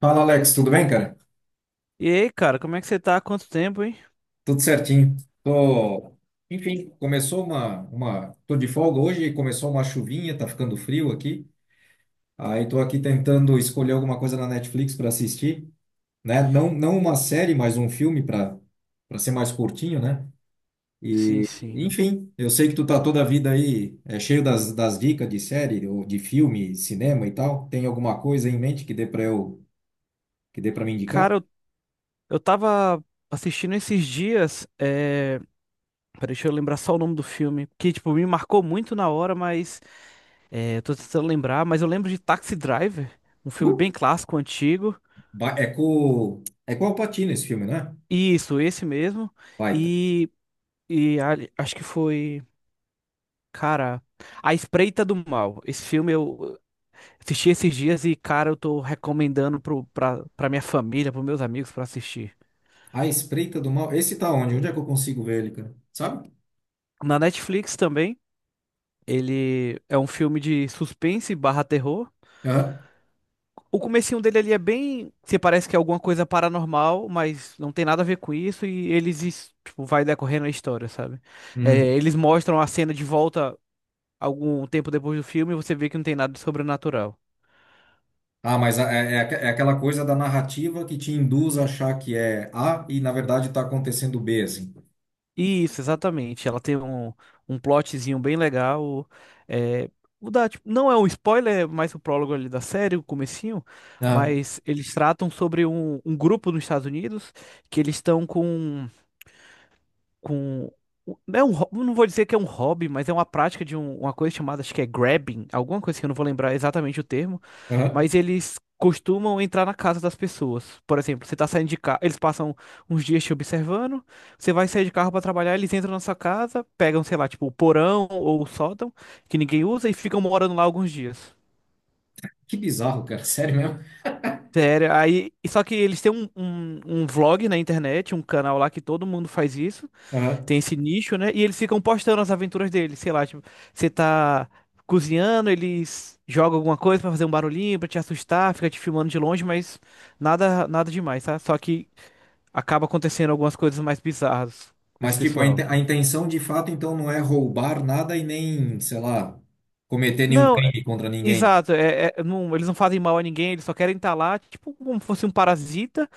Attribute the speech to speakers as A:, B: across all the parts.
A: Fala, Alex, tudo bem, cara?
B: E aí, cara, como é que você tá? Há quanto tempo, hein?
A: Tudo certinho. Tô, enfim, tô de folga hoje, começou uma chuvinha, tá ficando frio aqui. Aí tô aqui tentando escolher alguma coisa na Netflix para assistir, né? Não, não uma série, mas um filme para ser mais curtinho, né?
B: Sim,
A: E,
B: sim.
A: enfim, eu sei que tu tá toda a vida aí cheio das dicas de série ou de filme, cinema e tal. Tem alguma coisa em mente que dê para me indicar?
B: Cara, eu tava assistindo esses dias. Peraí, deixa eu lembrar só o nome do filme. Que, tipo, me marcou muito na hora, mas. É, eu tô tentando lembrar, mas eu lembro de Taxi Driver, um filme
A: Uh,
B: bem clássico, antigo.
A: é com o Al Pacino esse filme, né?
B: E isso, esse mesmo.
A: Baita.
B: E. E acho que foi. Cara. A Espreita do Mal. Esse filme eu assisti esses dias e, cara, eu tô recomendando pra minha família, pros meus amigos pra assistir.
A: A Espreita do Mal. Esse tá onde? Onde é que eu consigo ver ele, cara? Sabe?
B: Na Netflix também, ele é um filme de suspense barra terror.
A: Aham.
B: O comecinho dele ali é bem, se parece que é alguma coisa paranormal, mas não tem nada a ver com isso e eles, tipo, vai decorrendo a história, sabe? É,
A: Uhum.
B: eles mostram a cena de volta algum tempo depois do filme e você vê que não tem nada de sobrenatural.
A: Ah, mas aquela coisa da narrativa que te induz a achar que é A e, na verdade, tá acontecendo B, assim.
B: Isso, exatamente. Ela tem um plotzinho bem legal. É, o tipo, não é um spoiler, é mais o prólogo ali da série, o comecinho,
A: Ah,
B: mas eles tratam sobre um grupo nos Estados Unidos que eles estão com com. É um, não vou dizer que é um hobby, mas é uma prática de uma coisa chamada, acho que é grabbing, alguma coisa que eu não vou lembrar exatamente o termo,
A: aham.
B: mas eles costumam entrar na casa das pessoas. Por exemplo, você tá saindo de carro, eles passam uns dias te observando, você vai sair de carro para trabalhar, eles entram na sua casa, pegam, sei lá, tipo, o porão ou o sótão, que ninguém usa, e ficam morando lá alguns dias.
A: Que bizarro, cara. Sério mesmo?
B: Sério, aí. E só que eles têm um vlog na internet, um canal lá que todo mundo faz isso.
A: Aham.
B: Tem esse nicho, né? E eles ficam postando as aventuras deles, sei lá, tipo, você tá cozinhando, eles jogam alguma coisa pra fazer um barulhinho, pra te assustar, fica te filmando de longe, mas nada demais, tá? Só que acaba acontecendo algumas coisas mais bizarras com esse
A: Mas, tipo,
B: pessoal.
A: a intenção de fato, então, não é roubar nada e nem, sei lá, cometer nenhum
B: Não,
A: crime contra ninguém.
B: exato, eles não fazem mal a ninguém, eles só querem estar lá, tipo, como se fosse um parasita.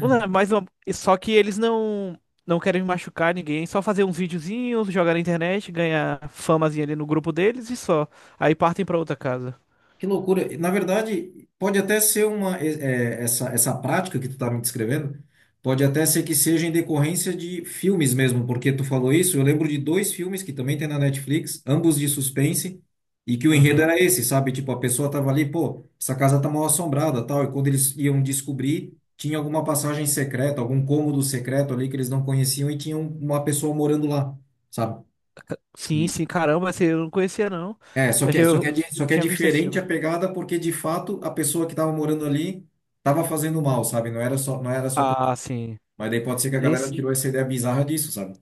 B: Não, é mais uma... Só que eles não querem machucar ninguém, só fazer uns videozinhos, jogar na internet, ganhar famazinha ali no grupo deles e só. Aí partem pra outra casa.
A: Que loucura. Na verdade, pode até ser uma é, é, essa essa prática que tu tá me descrevendo, pode até ser que seja em decorrência de filmes mesmo, porque tu falou isso, eu lembro de dois filmes que também tem na Netflix, ambos de suspense, e que o enredo
B: Aham.
A: era esse, sabe? Tipo, a pessoa tava ali, pô, essa casa tá mal assombrada, tal, e quando eles iam descobrir, tinha alguma passagem secreta, algum cômodo secreto ali que eles não conheciam e tinha uma pessoa morando lá, sabe?
B: Sim, sim, caramba, esse eu não conhecia não. Eu
A: Só que é
B: tinha visto esse
A: diferente
B: filme.
A: a pegada porque, de fato, a pessoa que estava morando ali estava fazendo mal, sabe? Não era só.
B: Ah, sim.
A: Mas daí pode ser que a galera
B: Esse
A: tirou essa ideia bizarra disso, sabe?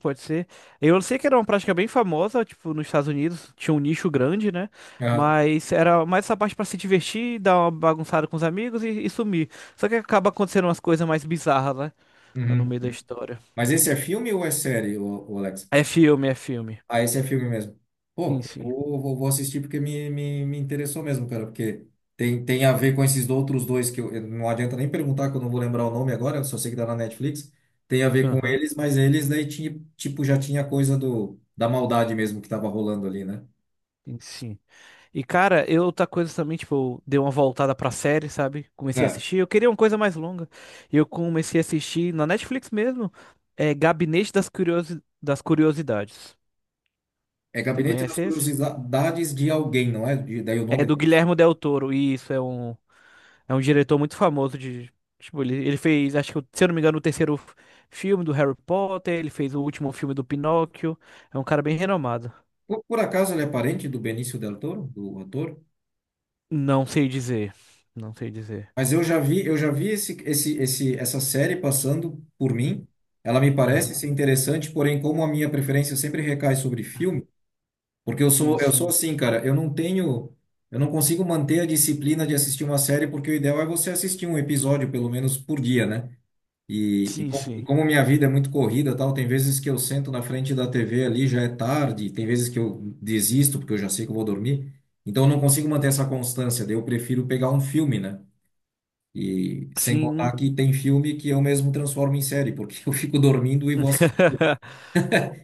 B: pode ser. Eu sei que era uma prática bem famosa, tipo, nos Estados Unidos, tinha um nicho grande, né?
A: Ah,
B: Mas era mais essa parte pra se divertir, dar uma bagunçada com os amigos e sumir. Só que acaba acontecendo umas coisas mais bizarras, né? Tá no
A: uhum.
B: meio da história.
A: Mas esse é filme ou é série, Alex?
B: É filme, é filme.
A: Ah, esse é filme mesmo.
B: Sim,
A: Pô, eu
B: sim.
A: vou assistir porque me interessou mesmo, cara, porque tem a ver com esses outros dois não adianta nem perguntar que eu não vou lembrar o nome agora, eu só sei que tá na Netflix. Tem a ver com
B: Aham.
A: eles, mas eles daí tinha, tipo, já tinha coisa do, da maldade mesmo que tava rolando ali, né?
B: Sim, sim. E, cara, eu outra coisa também, tipo, eu dei uma voltada pra série, sabe? Comecei a
A: É.
B: assistir. Eu queria uma coisa mais longa. E eu comecei a assistir na Netflix mesmo. É Gabinete das Curiosi... das Curiosidades.
A: É
B: Você
A: Gabinete das
B: conhece esse?
A: Curiosidades de Alguém, não é? Daí o
B: É
A: nome
B: do
A: da pessoa.
B: Guilherme Del Toro. E isso é é um diretor muito famoso de. Tipo, ele fez, acho que, se eu não me engano, o terceiro filme do Harry Potter. Ele fez o último filme do Pinóquio. É um cara bem renomado.
A: Por acaso ele é parente do Benício Del Toro, do ator?
B: Não sei dizer. Não sei dizer.
A: Mas eu já vi essa série passando por mim. Ela me parece
B: Aham.
A: ser interessante, porém, como a minha preferência sempre recai sobre filme, porque eu
B: Sim,
A: sou, eu sou
B: sim.
A: assim, cara, eu não consigo manter a disciplina de assistir uma série, porque o ideal é você assistir um episódio, pelo menos, por dia, né? E, e,
B: Sim,
A: com, e
B: sim.
A: como minha vida é muito corrida, tal, tem vezes que eu sento na frente da TV ali, já é tarde, tem vezes que eu desisto, porque eu já sei que eu vou dormir. Então, eu não consigo manter essa constância, daí eu prefiro pegar um filme, né? E sem
B: Sim.
A: contar que tem filme que eu mesmo transformo em série, porque eu fico dormindo e vou assistir.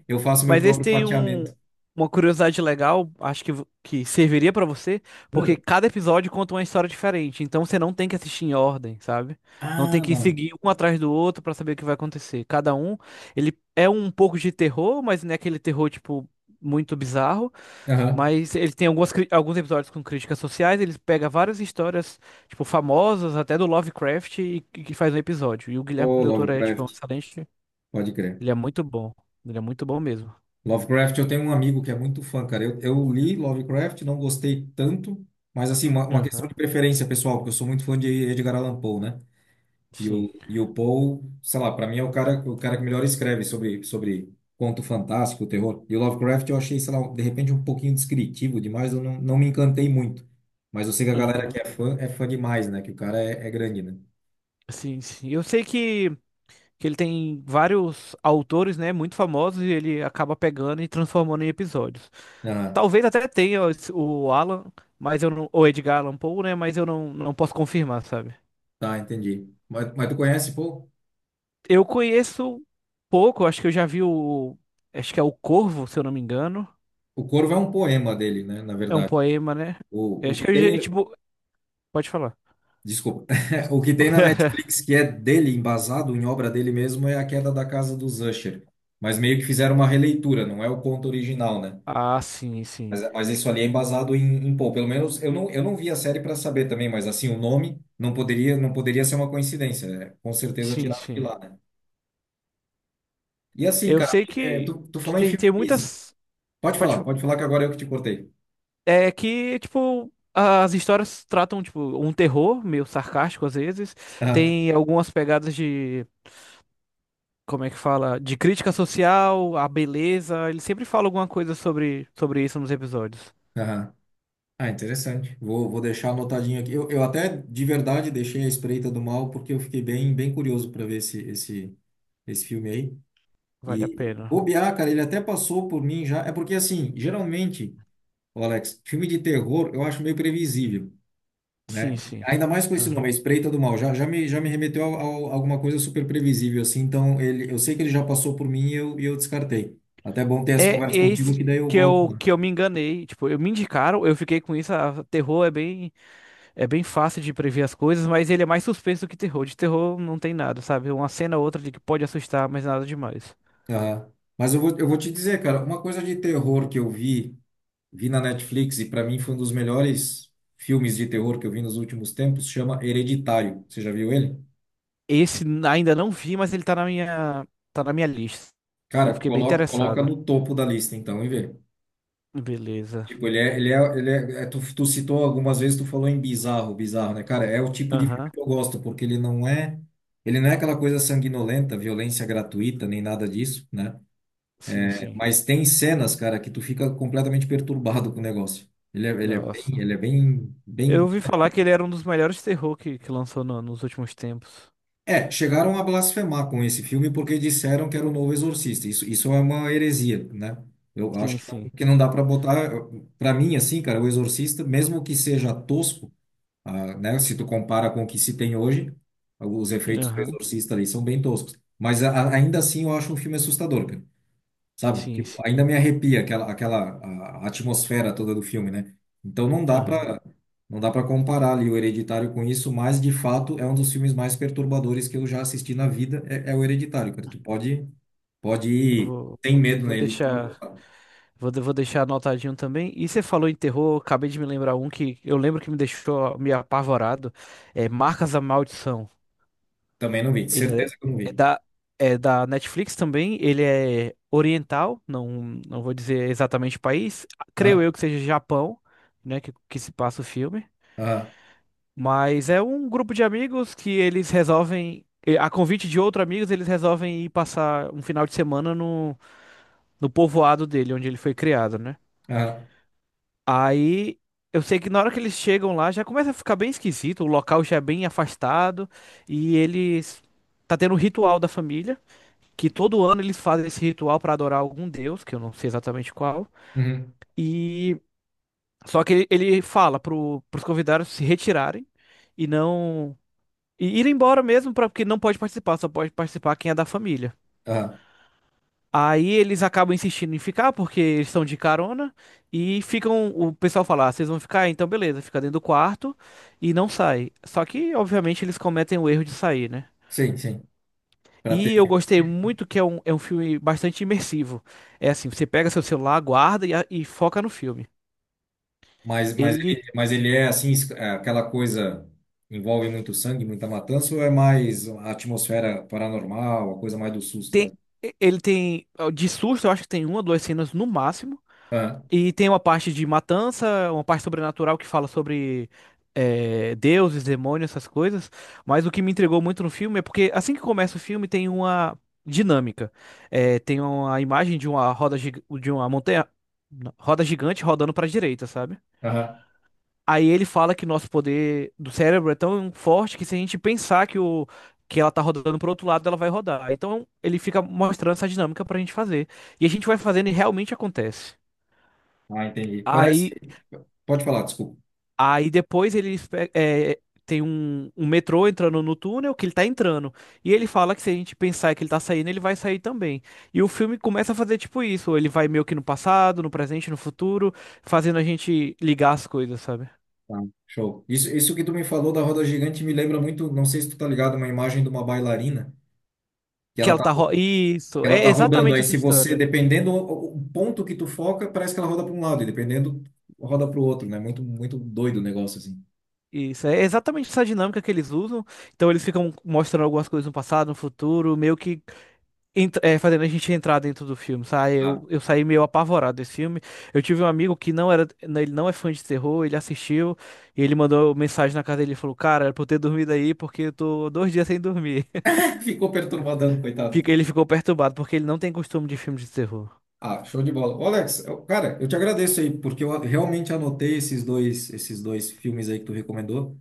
A: Eu faço meu
B: Mas esse
A: próprio
B: tem um,
A: fatiamento.
B: uma curiosidade legal, acho que, que serviria pra você, porque
A: Hum.
B: cada episódio conta uma história diferente, então você não tem que assistir em ordem, sabe? Não tem
A: Ah,
B: que
A: da hora.
B: seguir um atrás do outro pra saber o que vai acontecer. Cada um, ele é um pouco de terror, mas não é aquele terror, tipo, muito bizarro.
A: Aham.
B: Mas ele tem alguns episódios com críticas sociais, ele pega várias histórias, tipo, famosas, até do Lovecraft, e que faz um episódio. E o Guilherme
A: Ô,
B: Del Toro é, tipo, um
A: Lovecraft,
B: excelente.
A: pode crer.
B: Ele é muito bom. Ele é muito bom mesmo.
A: Lovecraft, eu tenho um amigo que é muito fã, cara. Eu li Lovecraft, não gostei tanto, mas assim, uma questão de
B: Aham.
A: preferência pessoal, porque eu sou muito fã de Edgar Allan Poe, né? E
B: Sim.
A: o, e o Poe, sei lá, para mim é o cara que melhor escreve sobre conto fantástico, terror. E o Lovecraft eu achei, sei lá, de repente um pouquinho descritivo demais, eu não me encantei muito. Mas eu sei que a galera
B: Aham.
A: que é fã demais, né? Que o cara é grande, né?
B: Sim, sim. Eu sei que ele tem vários autores, né, muito famosos e ele acaba pegando e transformando em episódios.
A: Ah,
B: Talvez até tenha o Alan, mas eu não, ou Edgar Allan Poe, né, mas eu não, não posso confirmar, sabe?
A: tá, entendi. Mas tu conhece, Poe?
B: Eu conheço pouco, acho que eu já vi o, acho que é o Corvo, se eu não me engano.
A: O Corvo é um poema dele, né? Na
B: É um
A: verdade.
B: poema, né? Eu
A: O, o
B: acho que
A: que
B: eu,
A: tem,
B: tipo, pode falar.
A: Desculpa. O que tem na Netflix que é dele, embasado em obra dele mesmo, é A Queda da Casa dos Usher. Mas meio que fizeram uma releitura, não é o conto original, né?
B: Ah, sim,
A: Mas,
B: sim.
A: mas isso ali é embasado pelo menos eu não vi a série para saber também, mas assim, o nome não poderia ser uma coincidência, né? Com certeza
B: Sim,
A: tiraram de
B: sim.
A: lá, né? E assim,
B: Eu
A: cara,
B: sei
A: tu
B: que
A: falou em
B: tem, tem
A: filme Pisa.
B: muitas. Pode.
A: Pode falar que agora eu que te cortei.
B: É que, tipo, as histórias tratam, tipo, um terror meio sarcástico às vezes.
A: Aham,
B: Tem algumas pegadas de, como é que fala? De crítica social, a beleza. Ele sempre fala alguma coisa sobre, sobre isso nos episódios.
A: aham. Ah, interessante. Vou deixar anotadinho aqui. Eu até de verdade deixei a Espreita do Mal porque eu fiquei bem, bem curioso para ver esse filme aí.
B: Vale a
A: E
B: pena.
A: bobear, cara, ele até passou por mim já. É porque assim, geralmente. Ô, Alex, filme de terror eu acho meio previsível,
B: Sim,
A: né?
B: sim.
A: Ainda mais com esse nome, A
B: Aham.
A: Espreita do Mal. Já me remeteu a alguma coisa super previsível, assim. Então, eu sei que ele já passou por mim e eu descartei. Até é bom ter essa
B: É
A: conversa contigo,
B: esse
A: que daí eu volto lá.
B: que eu me enganei. Tipo, eu me indicaram, eu fiquei com isso. Ah, terror é bem fácil de prever as coisas, mas ele é mais suspenso do que terror. De terror não tem nada, sabe? Uma cena ou outra de que pode assustar, mas nada demais.
A: Aham. Mas eu vou te dizer, cara, uma coisa de terror que eu vi na Netflix e para mim foi um dos melhores filmes de terror que eu vi nos últimos tempos, chama Hereditário. Você já viu ele?
B: Esse ainda não vi, mas ele tá na minha lista. Eu
A: Cara,
B: fiquei bem
A: coloca, coloca
B: interessada.
A: no topo da lista, então, e vê.
B: Beleza.
A: Tipo, tu citou algumas vezes, tu falou em bizarro, bizarro, né? Cara, é o tipo de filme
B: Aham.
A: que eu gosto, porque ele não é, aquela coisa sanguinolenta, violência gratuita, nem nada disso, né?
B: Sim,
A: É,
B: sim.
A: mas tem cenas, cara, que tu fica completamente perturbado com o negócio.
B: Nossa.
A: Ele é bem,
B: Eu
A: bem...
B: ouvi falar que ele era um dos melhores terror que lançou nos últimos tempos.
A: É, chegaram a blasfemar com esse filme porque disseram que era o novo Exorcista. Isso é uma heresia, né? Eu acho
B: Sim,
A: que não,
B: sim.
A: que não dá pra botar, para mim, assim, cara, o Exorcista, mesmo que seja tosco, ah, né? Se tu compara com o que se tem hoje, os efeitos do
B: Aham.
A: Exorcista ali são bem toscos. Mas ainda assim eu acho um filme assustador, cara. Sabe?
B: Sim,
A: Tipo,
B: sim.
A: ainda me arrepia aquela a atmosfera toda do filme, né? Então não dá
B: Aham.
A: pra, não dá para comparar ali o Hereditário com isso, mas de fato é um dos filmes mais perturbadores que eu já assisti na vida, é o Hereditário, cara. Tu pode
B: Eu
A: ir sem medo
B: vou
A: nele que tu vai
B: deixar,
A: gostar.
B: vou, vou deixar anotadinho também. E você falou em terror, acabei de me lembrar um que eu lembro que me deixou me apavorado. É Marcas da Maldição.
A: Também não vi,
B: Ele
A: certeza que eu não
B: é
A: vi.
B: da, é da Netflix também. Ele é oriental, não, não vou dizer exatamente o país. Creio
A: Ah,
B: eu que seja Japão, né, que se passa o filme.
A: ah,
B: Mas é um grupo de amigos que eles resolvem, eh, a convite de outros amigos, eles resolvem ir passar um final de semana no, no povoado dele, onde ele foi criado, né?
A: ah,
B: Aí eu sei que na hora que eles chegam lá já começa a ficar bem esquisito, o local já é bem afastado e eles tá tendo um ritual da família, que todo ano eles fazem esse ritual para adorar algum deus, que eu não sei exatamente qual.
A: uhum,
B: E só que ele fala pros convidados se retirarem e não e ir embora mesmo, pra, porque não pode participar, só pode participar quem é da família.
A: ah.
B: Aí eles acabam insistindo em ficar porque eles estão de carona e ficam o pessoal fala, ah, vocês vão ficar, então beleza, fica dentro do quarto e não sai. Só que obviamente eles cometem o erro de sair, né?
A: Sim, sim. Pra ter
B: E eu gostei muito que é é um filme bastante imersivo. É assim, você pega seu celular, guarda e foca no filme.
A: Mas, mas,
B: Ele
A: ele, mas ele é assim, é aquela coisa envolve muito sangue, muita matança, ou é mais a atmosfera paranormal, a coisa mais do susto
B: tem,
A: mesmo?
B: ele tem, ó, de susto, eu acho que tem uma, ou duas cenas no máximo.
A: Ah,
B: E tem uma parte de matança, uma parte sobrenatural que fala sobre é, deuses, demônios, essas coisas. Mas o que me entregou muito no filme é porque assim que começa o filme tem uma dinâmica. É, tem uma imagem de uma de uma montanha, roda gigante rodando para a direita, sabe?
A: aham.
B: Aí ele fala que nosso poder do cérebro é tão forte que se a gente pensar que ela tá rodando pro outro lado, ela vai rodar. Então ele fica mostrando essa dinâmica pra gente fazer. E a gente vai fazendo e realmente acontece.
A: Ah, entendi. Parece.
B: Aí,
A: Pode falar, desculpa.
B: aí depois ele tem um metrô entrando no túnel que ele tá entrando. E ele fala que se a gente pensar que ele tá saindo, ele vai sair também. E o filme começa a fazer tipo isso. Ele vai meio que no passado, no presente, no futuro, fazendo a gente ligar as coisas, sabe?
A: Tá, show. Isso que tu me falou da roda gigante me lembra muito, não sei se tu tá ligado, uma imagem de uma bailarina que
B: Que
A: ela
B: ela
A: tá,
B: tá.
A: que
B: Isso,
A: ela
B: é
A: tá rodando.
B: exatamente
A: Aí
B: essa
A: se você,
B: história.
A: dependendo o ponto que tu foca, parece que ela roda para um lado, e dependendo, roda para o outro, né? Muito, muito doido o negócio assim.
B: Isso, é exatamente essa dinâmica que eles usam. Então eles ficam mostrando algumas coisas no passado, no futuro, meio que fazendo a gente entrar dentro do filme, sabe?
A: Ah.
B: Eu saí meio apavorado desse filme. Eu tive um amigo que não era, né, ele não é fã de terror, ele assistiu e ele mandou mensagem na casa dele e falou: Cara, era pra eu ter dormido aí porque eu tô 2 dias sem dormir.
A: Ficou perturbadão, coitado.
B: Ele ficou perturbado porque ele não tem costume de filme de terror.
A: Ah, show de bola. Ô, Alex, cara, eu te agradeço aí, porque eu realmente anotei esses dois filmes aí que tu recomendou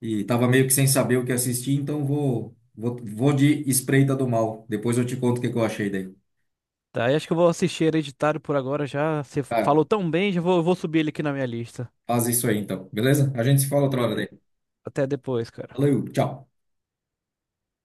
A: e tava meio que sem saber o que assistir, então vou de Espreita do Mal. Depois eu te conto o que que eu achei daí.
B: Tá, e acho que eu vou assistir Hereditário por agora já. Você
A: Cara,
B: falou tão bem, já vou subir ele aqui na minha lista.
A: faz isso aí então, beleza? A gente se fala outra hora daí.
B: Beleza. Até depois, cara.
A: Valeu, tchau.